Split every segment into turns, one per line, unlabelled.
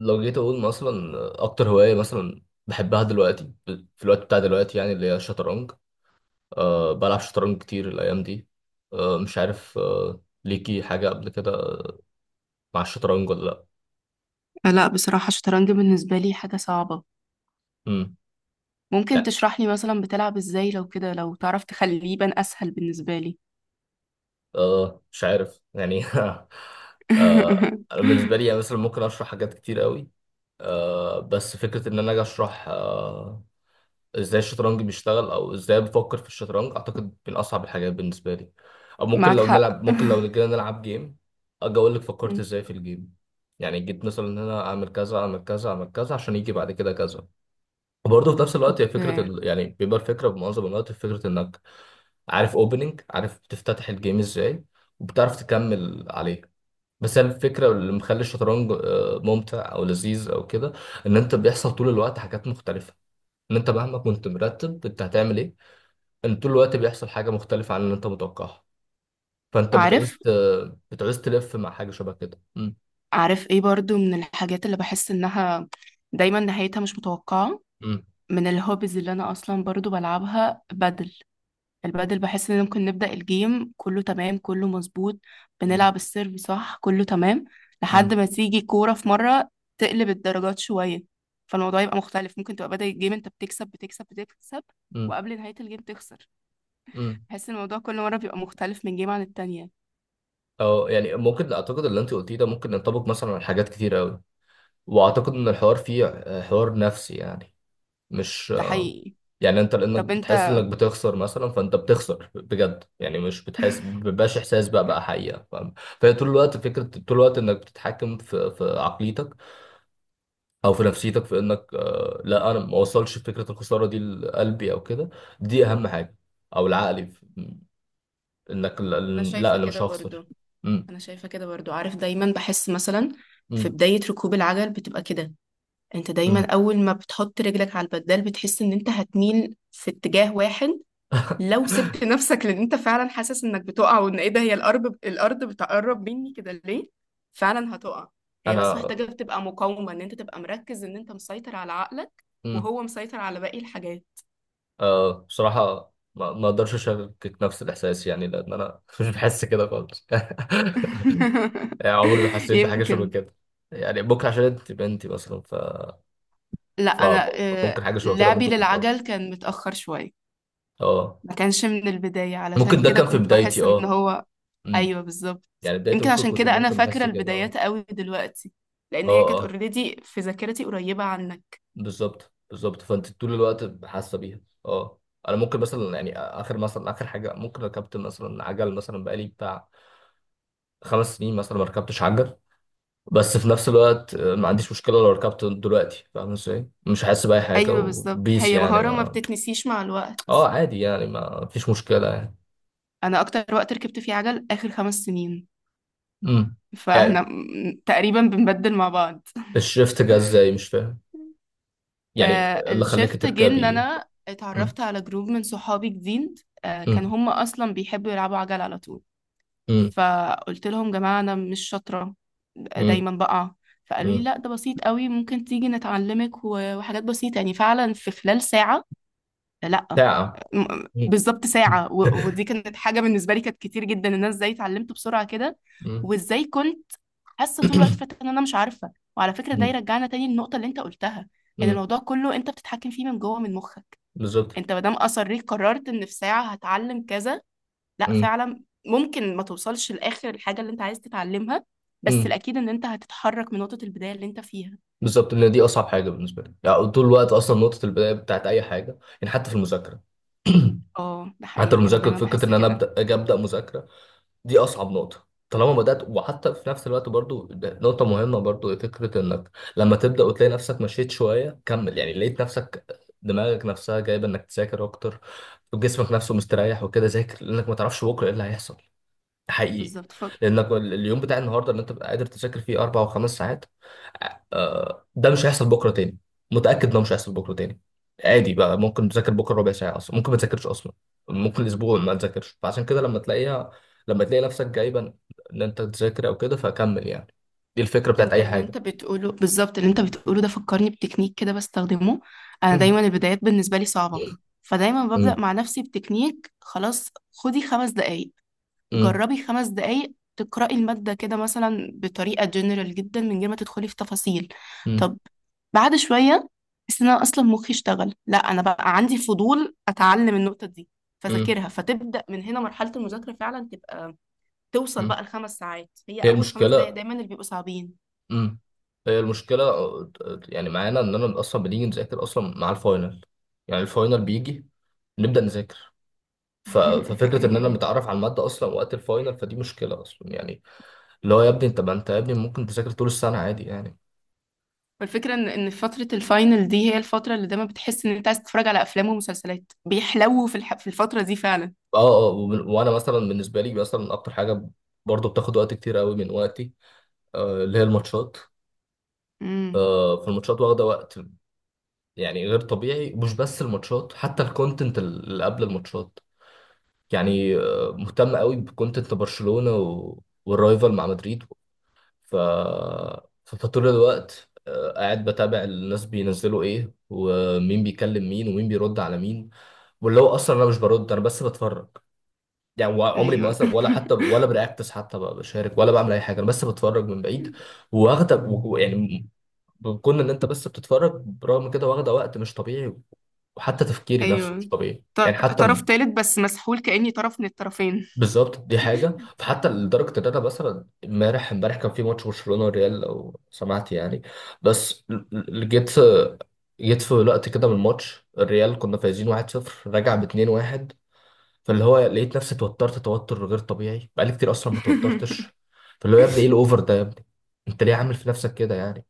لو جيت اقول مثلا اكتر هوايه مثلا بحبها دلوقتي في الوقت بتاع دلوقتي يعني اللي هي الشطرنج. أه بلعب شطرنج كتير الايام دي. أه مش عارف أه ليكي حاجه قبل كده مع الشطرنج ولا لا؟
لا، بصراحة الشطرنج بالنسبة لي حاجة صعبة.
امم.
ممكن
لا،
تشرح لي مثلا بتلعب ازاي؟ لو كده لو تعرف تخليه يبان اسهل بالنسبة لي.
أه مش عارف يعني أه انا بالنسبه لي يعني مثلا ممكن اشرح حاجات كتير قوي. أه بس فكره ان انا اجي اشرح ازاي الشطرنج بيشتغل او ازاي بفكر في الشطرنج اعتقد من اصعب الحاجات بالنسبه لي. او ممكن
معاك
لو
حق.
نلعب ممكن لو جينا نلعب جيم اجي اقول لك فكرت
مم.
ازاي في الجيم. يعني جيت مثلا ان انا اعمل كذا اعمل كذا اعمل كذا عشان يجي بعد كده كذا. وبرضه في نفس الوقت هي فكره
اوكي.
يعني بيبقى الفكره بمعظم الوقت في فكره انك عارف اوبننج، عارف تفتتح الجيم ازاي وبتعرف تكمل عليه. بس هي الفكره اللي مخلي الشطرنج ممتع او لذيذ او كده. ان انت بيحصل طول الوقت حاجات مختلفه، ان انت مهما كنت مرتب انت هتعمل ايه، ان طول الوقت بيحصل حاجه مختلفه عن اللي انت متوقعها. فانت
عارف
بتعوز تلف مع حاجه شبه كده. امم.
عارف ايه برضو من الحاجات اللي بحس انها دايما نهايتها مش متوقعة؟
امم.
من الهوبيز اللي انا اصلا برضو بلعبها بدل. البدل بحس ان ممكن نبدأ الجيم كله تمام، كله مظبوط.
امم.
بنلعب السيرف صح، كله تمام، لحد
امم.
ما تيجي كورة في مرة تقلب الدرجات شوية. فالموضوع يبقى مختلف، ممكن تبقى بدأ الجيم انت بتكسب، بتكسب، بتكسب،
امم.
وقبل نهاية الجيم تخسر.
إمم.
بحس ان الموضوع كل مرة بيبقى مختلف من جيم عن التانية.
او يعني ممكن اعتقد اللي انت قلتيه ده ممكن ينطبق مثلا على حاجات كتير قوي. واعتقد ان الحوار فيه حوار نفسي، يعني مش
ده حقيقي.
يعني انت لانك
طب
بتحس
انت
انك بتخسر مثلا فانت بتخسر بجد، يعني مش بتحس، مبيبقاش احساس بقى، بقى حقيقه، فاهم؟ فهي طول الوقت فكره، طول الوقت انك بتتحكم في عقليتك او في نفسيتك، في انك لا، انا ما اوصلش فكره الخساره دي لقلبي او كده. دي اهم حاجه. او العقلي انك لا.
انا
لا،
شايفة
انا
كده
مش هخسر.
برضو
مم.
انا شايفة كده برضو، عارف دايما بحس مثلا في
مم.
بداية ركوب العجل بتبقى كده. انت دايما
مم.
اول ما بتحط رجلك على البدال بتحس ان انت هتميل في اتجاه واحد. لو سبت نفسك، لان انت فعلا حاسس انك بتقع وان ايه ده، هي الارض، الارض بتقرب مني كده ليه؟ فعلا هتقع. هي بس
انا.
محتاجة تبقى مقاومة، ان انت تبقى مركز، ان انت مسيطر على عقلك
مم.
وهو مسيطر على باقي الحاجات.
آه بصراحه ما اقدرش اشاركك نفس الاحساس، يعني لان انا مش بحس كده خالص يعني عمري ما حسيت بحاجه شبه
يمكن.
كده. يعني ممكن عشان انت بنتي مثلا
لا، انا
فممكن حاجه شبه كده
لعبي
ممكن تحصل.
للعجل كان متأخر شوية.
اه.
ما كانش من البداية، علشان
ممكن ده
كده
كان في
كنت
بدايتي،
بحس ان
اه.
هو. ايوه، بالظبط.
يعني بدايته
يمكن
ممكن
عشان
كنت،
كده انا
ممكن
فاكرة
بحس كده، اه.
البدايات قوي دلوقتي، لان هي
اه.
كانت
اه،
اوريدي في ذاكرتي قريبة عنها.
بالظبط بالظبط، فانت طول الوقت حاسه بيها. اه. انا ممكن مثلا يعني اخر مثلا اخر حاجه ممكن ركبت مثلا عجل مثلا بقالي بتاع 5 سنين مثلا ما ركبتش عجل. بس في نفس الوقت ما عنديش مشكله لو ركبت دلوقتي، فاهم ازاي؟ مش حاسس باي حاجه
ايوه، بالظبط.
وبيس،
هي
يعني
مهارة ما
ما...
بتتنسيش مع الوقت.
اه عادي، يعني ما فيش مشكله يعني.
انا اكتر وقت ركبت فيه عجل اخر 5 سنين.
امم.
فاحنا
يعني
تقريبا بنبدل مع بعض.
الشفت جه ازاي، مش فاهم يعني إيه اللي خلاك
الشفت جه ان
تركبي.
انا
امم.
اتعرفت على جروب من صحابي جديد. كان
امم.
هم اصلا بيحبوا يلعبوا عجل على طول. فقلت لهم: جماعة، انا مش شاطرة،
امم.
دايما بقع. فقالوا لي:
امم.
لا، ده بسيط قوي، ممكن تيجي نتعلمك و- وحاجات بسيطة، يعني فعلا في خلال ساعة. لا.
ساعه؟
بالظبط
مم.
ساعة، و- ودي كانت حاجة بالنسبة لي كانت كتير جدا، ان انا ازاي اتعلمت بسرعة كده.
مم.
وازاي كنت حاسة طول الوقت فات ان انا مش عارفة. وعلى فكرة ده يرجعنا تاني للنقطة اللي انت قلتها، ان
مم.
الموضوع كله انت بتتحكم فيه من جوه، من مخك.
بالظبط.
انت ما دام اصريت قررت ان في ساعة هتعلم كذا، لا،
مم.
فعلا ممكن ما توصلش لاخر الحاجة اللي انت عايز تتعلمها. بس
مم.
الاكيد ان انت هتتحرك من نقطة البداية اللي انت فيها.
بالظبط، لان دي اصعب حاجه بالنسبه لي، يعني طول الوقت اصلا نقطه البدايه بتاعت اي حاجه، يعني حتى في المذاكره.
اه، ده
حتى
حقيقي، انا
المذاكره،
دايما
فكره
بحس
ان انا
كده.
ابدا، اجي ابدا مذاكره، دي اصعب نقطه. طالما بدات، وحتى في نفس الوقت برضو ده نقطه مهمه برضو، فكره انك لما تبدا وتلاقي نفسك مشيت شويه كمل، يعني لقيت نفسك دماغك نفسها جايبه انك تذاكر اكتر، وجسمك نفسه مستريح وكده، ذاكر، لانك ما تعرفش بكره ايه اللي هيحصل. حقيقي.
بالظبط.
لانك اليوم بتاع النهارده اللي انت بتبقى قادر تذاكر فيه 4 و5 ساعات، ده مش هيحصل بكره تاني. متاكد ده مش هيحصل بكره تاني. عادي بقى، ممكن تذاكر بكره ربع ساعه، اصلا ممكن ما تذاكرش اصلا. ممكن اسبوع ما تذاكرش، فعشان كده لما تلاقيها، لما تلاقي نفسك جايبا ان انت تذاكر او كده فكمل يعني. دي الفكره بتاعت
انت
اي
اللي
حاجه.
انت بتقوله، بالظبط اللي انت بتقوله ده فكرني بتكنيك كده بستخدمه. انا
مم.
دايما البدايات بالنسبه لي صعبه.
مم.
فدايما ببدا
مم.
مع نفسي بتكنيك: خلاص خدي 5 دقايق، جربي 5 دقايق تقرأي المادة كده مثلا بطريقة جنرال جدا من غير ما تدخلي في تفاصيل.
مم.
طب بعد شوية بس انا اصلا مخي اشتغل: لا انا بقى عندي فضول اتعلم النقطة دي.
مم.
فذاكرها، فتبدأ من هنا مرحلة المذاكرة فعلا تبقى توصل
مم.
بقى الخمس ساعات. هي
هي
اول 5 دقايق
المشكله.
دايما اللي بيبقوا صعبين.
امم. هي المشكلة يعني معانا إننا أصلا بنيجي نذاكر أصلا مع الفاينل. يعني الفاينل بيجي نبدأ نذاكر، ف- ففكرة إننا
ايوه.
نتعرف على المادة أصلا وقت الفاينل فدي مشكلة أصلا يعني. اللي هو يا ابني أنت، ما أنت يا ابني ممكن تذاكر طول السنة عادي يعني.
والفكره ان فتره الفاينل دي هي الفتره اللي دايما بتحس ان انت عايز تتفرج على افلام ومسلسلات بيحلو في الفتره دي فعلا.
أه أه وأنا مثلا بالنسبة لي مثلا أكتر حاجة برضه بتاخد وقت كتير قوي من وقتي، اللي هي الماتشات.
امم.
فالماتشات واخدة وقت يعني غير طبيعي. مش بس الماتشات، حتى الكونتنت اللي قبل الماتشات. يعني مهتم قوي بكونتنت برشلونة والرايفل مع مدريد. ف... فطول الوقت قاعد بتابع الناس بينزلوا ايه ومين بيكلم مين ومين بيرد على مين، واللي هو اصلا انا مش برد، انا بس بتفرج يعني. عمري ما
ايوه.
مثلا ولا حتى ولا برياكتس حتى بشارك، ولا بعمل اي حاجه، انا بس بتفرج من بعيد. واخده يعني كون ان انت بس بتتفرج، برغم كده واخده وقت مش طبيعي. وحتى تفكيري نفسه
ايوه.
مش طبيعي
طر...
يعني حتى.
طرف تالت بس مسحول كاني طرف من الطرفين.
بالظبط دي حاجة. فحتى لدرجة إن أنا مثلا امبارح، امبارح كان في ماتش برشلونة والريال لو سمعت يعني. بس جيت، جيت في وقت كده من الماتش، الريال كنا فايزين 1-0 راجع ب 2-1. فاللي هو لقيت نفسي اتوترت توتر غير طبيعي، بقالي كتير أصلا ما توترتش. فاللي هو يا ابني إيه الأوفر ده يا ابني؟ أنت ليه عامل في نفسك كده يعني؟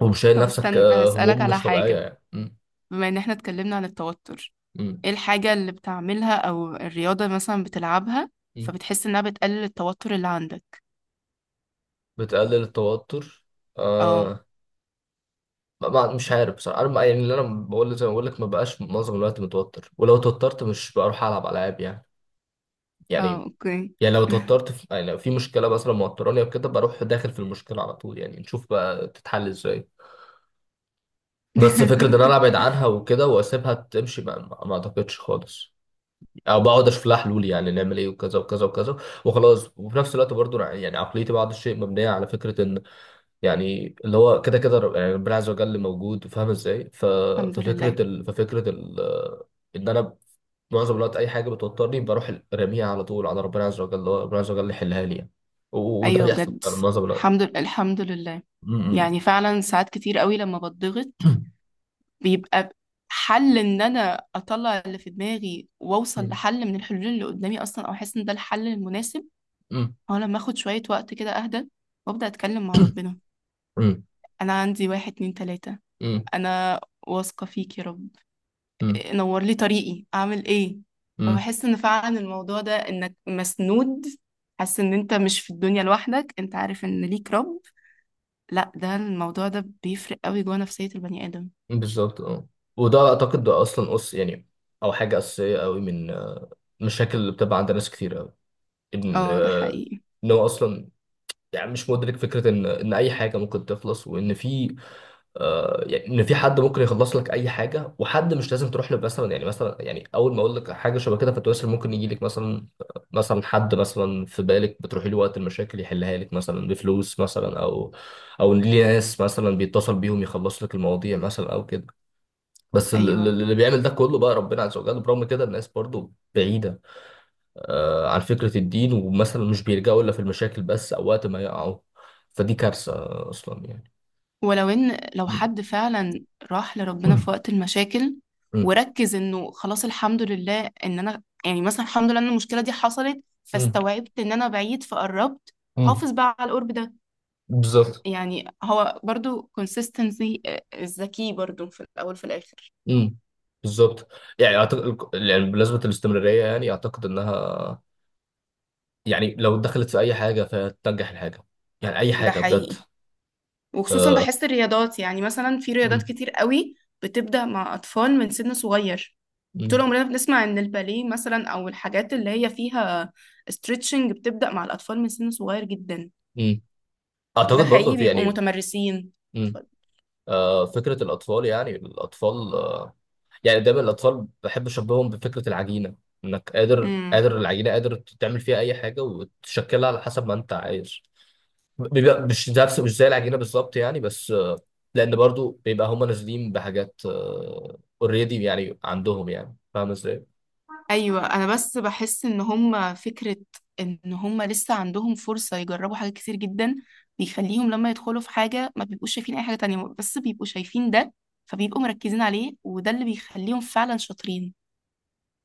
ومش شايل
طب
نفسك
استنى، هسألك
هموم
على
مش طبيعية،
حاجة.
يعني
بما ان احنا اتكلمنا عن التوتر،
م-
ايه الحاجة اللي بتعملها او الرياضة مثلا بتلعبها
م.
فبتحس انها بتقلل التوتر اللي عندك؟
بتقلل التوتر،
اه،
آه، مش عارف بصراحه، انا يعني اللي انا بقول زي ما بقول لك، ما بقاش معظم الوقت متوتر، ولو توترت مش بروح العب العاب يعني.
اه،
يعني.
اوكي.
يعني لو توترت في، يعني لو في مشكله مثلا موتراني او كده، بروح داخل في المشكله على طول، يعني نشوف بقى تتحل ازاي. بس فكره ان انا ابعد عنها وكده واسيبها تمشي، ما اعتقدش خالص. او بقعد اشوف لها حلول، يعني نعمل ايه وكذا وكذا وكذا وخلاص. وفي نفس الوقت برضو يعني عقليتي بعض الشيء مبنيه على فكره، يعني اللي هو كده كده يعني ربنا عز وجل موجود، فاهم ازاي؟ ف...
الحمد لله.
ففكره ال... ففكره ال... ان انا معظم الوقت اي حاجه بتوترني بروح راميها على طول على ربنا عز وجل، هو ربنا عز وجل يحلها لي يعني. و... وده
ايوه،
بيحصل
بجد.
فعلا معظم الوقت.
الحمد لله، الحمد لله.
م.
يعني
م.
فعلا ساعات كتير قوي لما بتضغط بيبقى حل ان انا اطلع اللي في دماغي واوصل
م.
لحل من الحلول اللي قدامي اصلا او احس ان ده الحل المناسب.
م.
هو لما اخد شوية وقت كده اهدى وابدا اتكلم مع ربنا:
م.
انا عندي واحد، اتنين، تلاتة،
م.
انا واثقة فيك يا رب،
م.
نور لي طريقي اعمل ايه.
م.
فبحس ان فعلا الموضوع ده انك مسنود، حاسس ان انت مش في الدنيا لوحدك، انت عارف ان ليك رب. لا، ده الموضوع ده بيفرق قوي جوه نفسية البني آدم.
بالظبط اه. وده اعتقد ده اصلا اس يعني، او حاجه اساسيه قوي من المشاكل اللي بتبقى عند ناس كتير قوي، ان
اه، ده حقيقي.
ان هو اصلا يعني مش مدرك فكرة إن أي حاجة ممكن تخلص، وإن في، آه يعني إن في حد ممكن يخلص لك أي حاجة، وحد مش لازم تروح له مثلا يعني، مثلا يعني أول ما أقول لك حاجة شبه كده فتواصل ممكن يجي لك مثلا، مثلا حد مثلا في بالك بتروحي له وقت المشاكل يحلها لك مثلا بفلوس مثلا، أو أو ليه ناس مثلا بيتصل بيهم يخلص لك المواضيع مثلا أو كده. بس
ايوه،
اللي بيعمل ده كله بقى ربنا عز وجل. برغم كده الناس برضو بعيدة عن فكرة الدين، ومثلا مش بيلجأوا إلا في المشاكل بس، أو وقت ما يقعوا. فدي كارثة أصلا يعني.
ولو ان لو
مم.
حد فعلا راح لربنا
مم.
في وقت المشاكل
مم.
وركز انه خلاص الحمد لله ان انا، يعني مثلا، الحمد لله ان المشكلة دي حصلت
مم.
فاستوعبت ان انا بعيد فقربت،
مم.
حافظ بقى على القرب ده.
بالظبط.
يعني هو برضو consistency، الذكي برضو في الاول في الاخر.
مم. بالظبط. يعني أعتقد، يعني بالنسبة للاستمرارية يعني أعتقد إنها، يعني لو دخلت في أي حاجة فهتنجح الحاجة، يعني أي
ده
حاجة بجد.
حقيقي. وخصوصا
آه.
بحس الرياضات، يعني مثلا في رياضات
مم.
كتير قوي بتبدأ مع اطفال من سن صغير. طول
مم.
عمرنا بنسمع ان الباليه مثلا، او الحاجات اللي هي فيها ستريتشنج، بتبدأ مع الاطفال من سن صغير جدا.
مم.
وده
أعتقد برضه
حقيقي،
في
بيبقوا
يعني.
متمرسين.
مم.
اتفضل.
فكرة الأطفال، يعني الأطفال، يعني دايما الاطفال بحب اشبههم بفكره العجينه، انك قادر،
امم.
قادر العجينه قادر تعمل فيها اي حاجه وتشكلها على حسب ما انت عايز. بيبقى مش نفس، مش زي العجينه بالظبط يعني، بس لان برضو بيبقى هم نازلين بحاجات اوريدي يعني عندهم، يعني فاهم ازاي.
ايوه، انا بس بحس ان هم فكره ان هم لسه عندهم فرصه يجربوا حاجات كتير جدا، بيخليهم لما يدخلوا في حاجه ما بيبقوش شايفين اي حاجه تانية بس بيبقوا شايفين ده، فبيبقوا مركزين عليه وده اللي بيخليهم فعلا شاطرين.